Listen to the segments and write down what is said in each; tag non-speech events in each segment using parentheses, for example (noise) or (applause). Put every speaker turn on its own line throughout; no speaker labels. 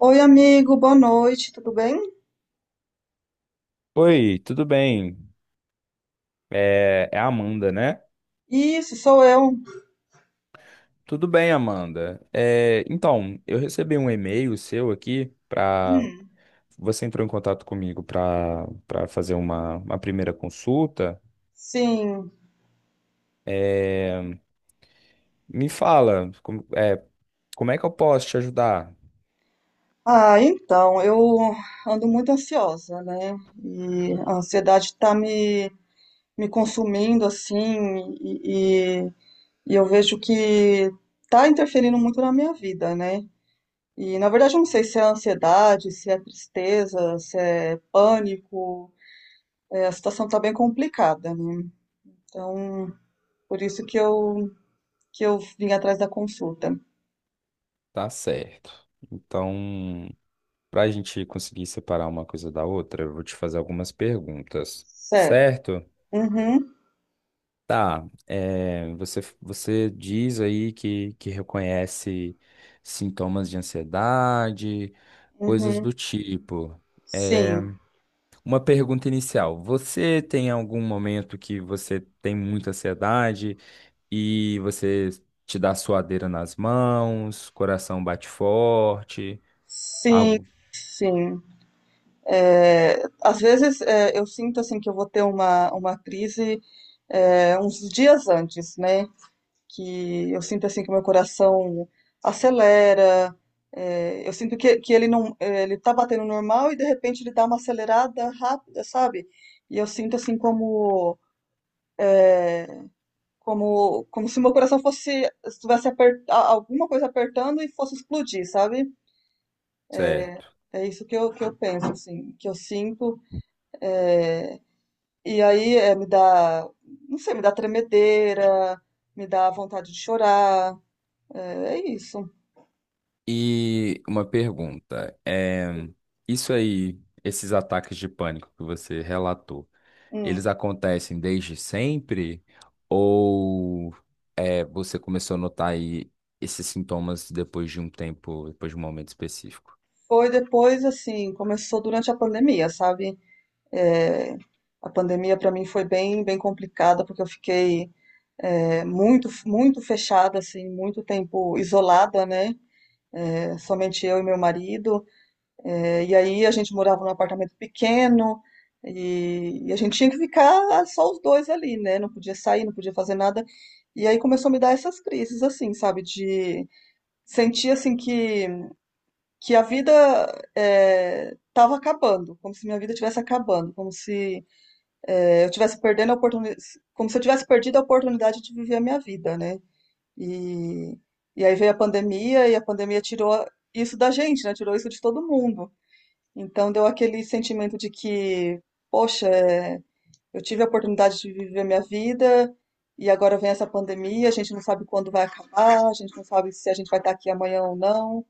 Oi, amigo, boa noite, tudo bem?
Oi, tudo bem? É a Amanda, né?
Isso, sou eu.
Tudo bem, Amanda. Eu recebi um e-mail seu aqui para
Hum,
você entrou em contato comigo para fazer uma primeira consulta.
sim.
É, me fala, como é que eu posso te ajudar?
Ah, então, eu ando muito ansiosa, né? E a ansiedade tá me consumindo, assim, e, e, e eu vejo que tá interferindo muito na minha vida, né? E, na verdade, eu não sei se é ansiedade, se é tristeza, se é pânico. É, a situação tá bem complicada, né? Então, por isso que eu vim atrás da consulta.
Tá certo. Então, para a gente conseguir separar uma coisa da outra, eu vou te fazer algumas perguntas,
Certo.
certo?
Uhum,
Tá, você diz aí que reconhece sintomas de ansiedade, coisas
uhum.
do tipo. É,
Sim,
uma pergunta inicial: você tem algum momento que você tem muita ansiedade e você te dá suadeira nas mãos, coração bate forte,
sim,
algo
sim. É, às vezes eu sinto assim que eu vou ter uma crise uns dias antes, né? Que eu sinto assim que meu coração acelera. É, eu sinto que ele não, ele tá batendo normal e de repente ele dá uma acelerada rápida, sabe? E eu sinto assim como se meu coração fosse estivesse alguma coisa apertando e fosse explodir, sabe?
certo?
É isso que eu penso, assim, que eu sinto. E aí me dá, não sei, me dá tremedeira, me dá vontade de chorar. É, é isso.
E uma pergunta: isso aí, esses ataques de pânico que você relatou. Eles
Hum.
acontecem desde sempre? Ou você começou a notar aí esses sintomas depois de um tempo, depois de um momento específico?
Foi depois, assim, começou durante a pandemia, sabe? É, a pandemia para mim foi bem, bem complicada, porque eu fiquei muito, muito fechada, assim, muito tempo isolada, né? É, somente eu e meu marido. É, e aí a gente morava num apartamento pequeno e a gente tinha que ficar só os dois ali, né? Não podia sair, não podia fazer nada. E aí começou a me dar essas crises, assim, sabe? De sentir, assim, que a vida tava acabando, como se minha vida estivesse acabando, como se eu estivesse perdendo a oportunidade, como se eu tivesse perdido a oportunidade de viver a minha vida, né? E, e aí veio a pandemia e a pandemia tirou isso da gente, né? Tirou isso de todo mundo. Então deu aquele sentimento de que, poxa, eu tive a oportunidade de viver minha vida e agora vem essa pandemia, a gente não sabe quando vai acabar, a gente não sabe se a gente vai estar aqui amanhã ou não.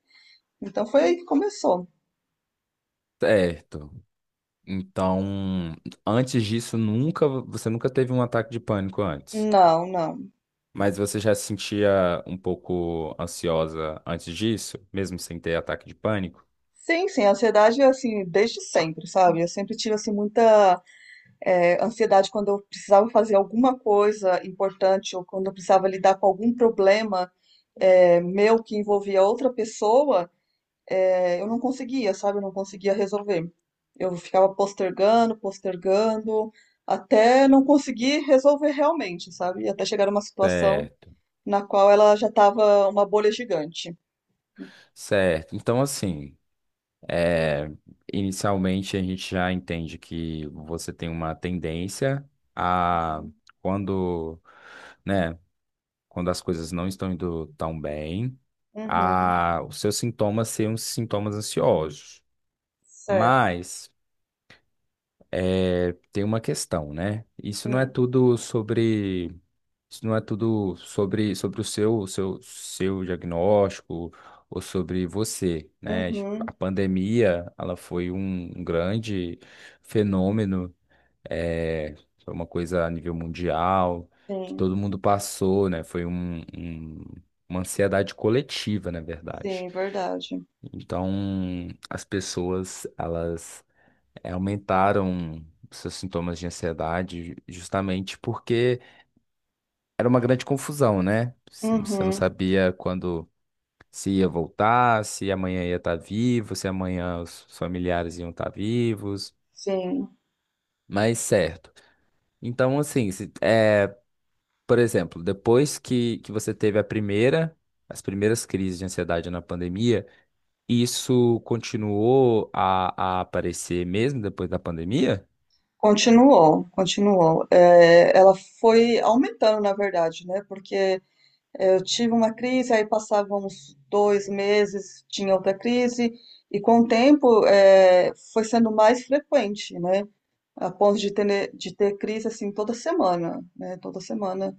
Então foi aí que começou.
Certo. Então, antes disso, nunca, você nunca teve um ataque de pânico antes.
Não, não.
Mas você já se sentia um pouco ansiosa antes disso, mesmo sem ter ataque de pânico?
Sim, sim, a ansiedade é assim, desde sempre, sabe? Eu sempre tive assim muita ansiedade quando eu precisava fazer alguma coisa importante ou quando eu precisava lidar com algum problema meu que envolvia outra pessoa. É, eu não conseguia, sabe? Eu não conseguia resolver. Eu ficava postergando, postergando, até não conseguir resolver realmente, sabe? Até chegar numa situação
Certo.
na qual ela já estava uma bolha gigante.
Certo. Então, assim. É, inicialmente, a gente já entende que você tem uma tendência a,
Uhum.
quando, né, quando as coisas não estão indo tão bem,
Uhum.
a, os seus sintomas serem uns sintomas ansiosos.
Certo.
Mas tem uma questão, né? Isso não é
Hum.
tudo sobre. Isso não é tudo sobre, seu diagnóstico ou sobre você, né?
Uhum.
A pandemia, ela foi um grande fenômeno, é, foi uma coisa a nível mundial, que
Sim.
todo mundo passou, né? Uma ansiedade coletiva, na verdade.
Sim, verdade.
Então, as pessoas, elas aumentaram seus sintomas de ansiedade justamente porque era uma grande confusão, né? Você não
Uhum.
sabia quando se ia voltar, se amanhã ia estar vivo, se amanhã os familiares iam estar vivos,
Sim.
mas certo. Então, assim, por exemplo, depois que você teve as primeiras crises de ansiedade na pandemia, isso continuou a aparecer mesmo depois da pandemia?
Continuou, continuou. Ela foi aumentando, na verdade, né? Porque eu tive uma crise, aí passava uns dois meses, tinha outra crise, e com o tempo foi sendo mais frequente, né? A ponto de ter crise assim toda semana, né? Toda semana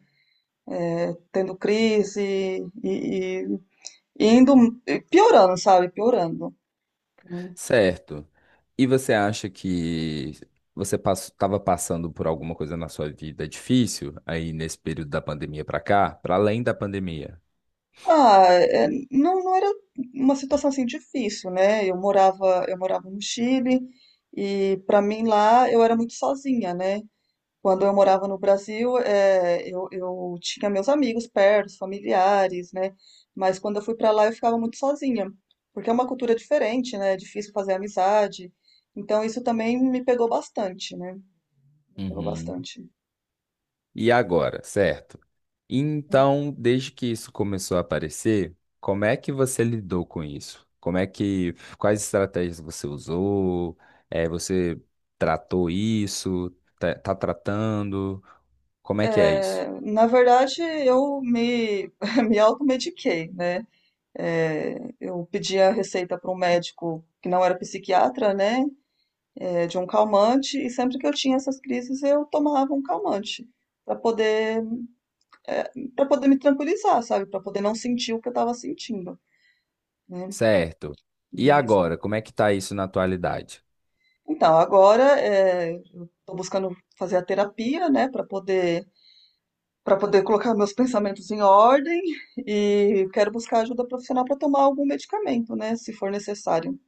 tendo crise e- e indo piorando, sabe? Piorando, né?
Certo. E você acha que você estava passando por alguma coisa na sua vida difícil aí nesse período da pandemia para cá, para além da pandemia?
Ah, não, não era uma situação assim difícil, né? Eu morava no Chile e para mim lá eu era muito sozinha, né? Quando eu morava no Brasil, eu tinha meus amigos perto, familiares, né? Mas quando eu fui para lá eu ficava muito sozinha, porque é uma cultura diferente, né? É difícil fazer amizade. Então isso também me pegou bastante, né? Me pegou
Uhum.
bastante.
E agora, certo? Então, desde que isso começou a aparecer, como é que você lidou com isso? Como é que, quais estratégias você usou? Eh, você tratou isso? Tá, tá tratando? Como é que é isso?
É, na verdade, eu me, (laughs) me automediquei, né? É, eu pedi a receita para um médico que não era psiquiatra, né, de um calmante, e sempre que eu tinha essas crises eu tomava um calmante para poder para poder me tranquilizar, sabe, para poder não sentir o que eu estava sentindo, né?
Certo. E
E isso-
agora, como é que tá isso na atualidade?
Então agora eu estou buscando fazer a terapia, né, para poder colocar meus pensamentos em ordem e quero buscar ajuda profissional para tomar algum medicamento, né, se for necessário.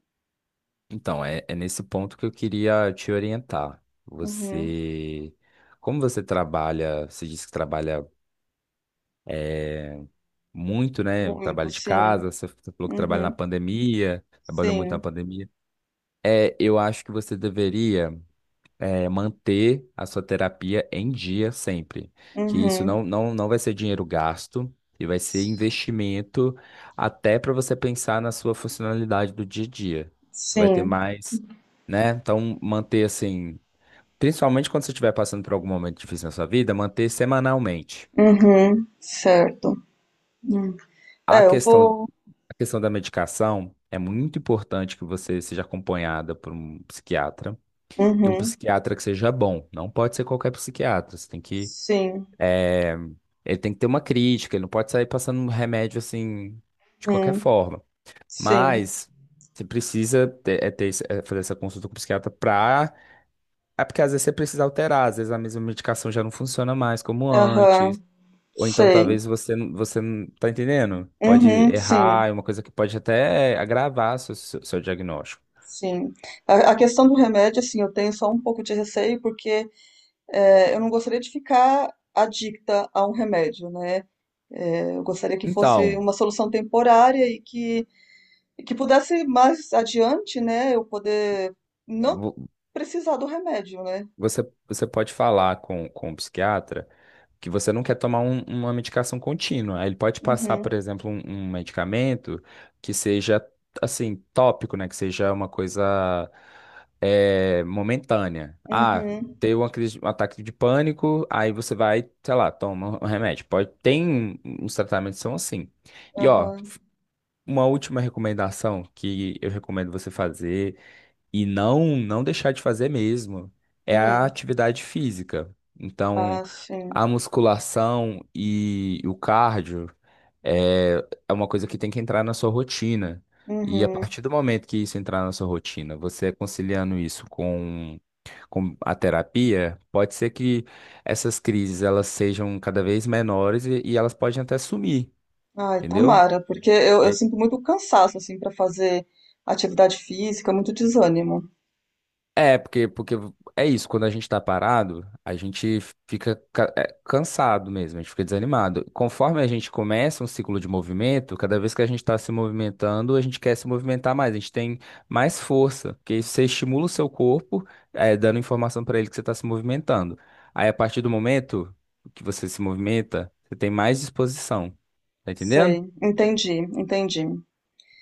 Então, é nesse ponto que eu queria te orientar.
Uhum,
Você, como você trabalha, você disse que trabalha muito, né?
muito,
Trabalha de
sim.
casa, você falou que trabalha na
Uhum.
pandemia, trabalhou muito na
Sim.
pandemia. É, eu acho que você deveria, manter a sua terapia em dia sempre. Que isso
Uhum.
não vai ser dinheiro gasto e vai ser investimento até para você pensar na sua funcionalidade do dia a dia. Você vai ter
Sim.
mais né? Então, manter assim. Principalmente quando você estiver passando por algum momento difícil na sua vida, manter semanalmente.
Uhum. Certo. Hum.
A
É, eu
questão,
vou.
a questão da medicação é muito importante que você seja acompanhada por um psiquiatra e um
Uhum.
psiquiatra que seja bom. Não pode ser qualquer psiquiatra. Você tem que,
Sim.
eh, Ele tem que ter uma crítica. Ele não pode sair passando um remédio assim de qualquer
Uhum.
forma.
Sim.
Mas você precisa ter fazer essa consulta com o psiquiatra para, é porque às vezes você precisa alterar. Às vezes a mesma medicação já não funciona mais como
Aham.
antes. Ou então
Sei.
talvez você não tá entendendo? Pode
Uhum.
errar,
Sim.
é uma coisa que pode até agravar seu diagnóstico.
Sim. A questão do remédio, assim, eu tenho só um pouco de receio, porque eu não gostaria de ficar adicta a um remédio, né? É, eu gostaria que fosse
Então,
uma solução temporária e que pudesse mais adiante, né, eu poder não
vo-
precisar do remédio, né?
você, você pode falar com o psiquiatra que você não quer tomar uma medicação contínua. Aí ele pode passar, por
Uhum,
exemplo, um medicamento que seja assim, tópico, né? Que seja uma coisa momentânea. Ah,
uhum,
deu uma crise, um ataque de pânico, aí você vai, sei lá, toma um remédio. Pode, tem uns tratamentos que são assim. E ó,
aham,
uma última recomendação que eu recomendo você fazer e não deixar de fazer mesmo é a
hum,
atividade física. Então,
ah, sim,
a musculação e o cardio é, é uma coisa que tem que entrar na sua rotina. E a
uhum,
partir do momento que isso entrar na sua rotina, você conciliando isso com a terapia, pode ser que essas crises elas sejam cada vez menores e elas podem até sumir,
ai,
entendeu?
tomara, porque eu sinto muito cansaço, assim, para fazer atividade física, muito desânimo,
Porque é isso, quando a gente tá parado, a gente fica cansado mesmo, a gente fica desanimado. Conforme a gente começa um ciclo de movimento, cada vez que a gente tá se movimentando, a gente quer se movimentar mais, a gente tem mais força, porque você estimula o seu corpo, dando informação pra ele que você tá se movimentando. Aí, a partir do momento que você se movimenta, você tem mais disposição, tá entendendo?
sei, entendi, entendi,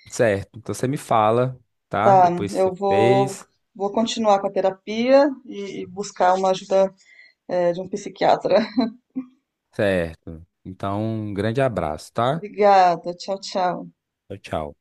Certo, então você me fala, tá?
tá,
Depois que
eu
você
vou,
fez.
vou continuar com a terapia e buscar uma ajuda, de um psiquiatra,
Certo. Então, um grande abraço,
(laughs)
tá?
obrigada, tchau, tchau.
Tchau, tchau.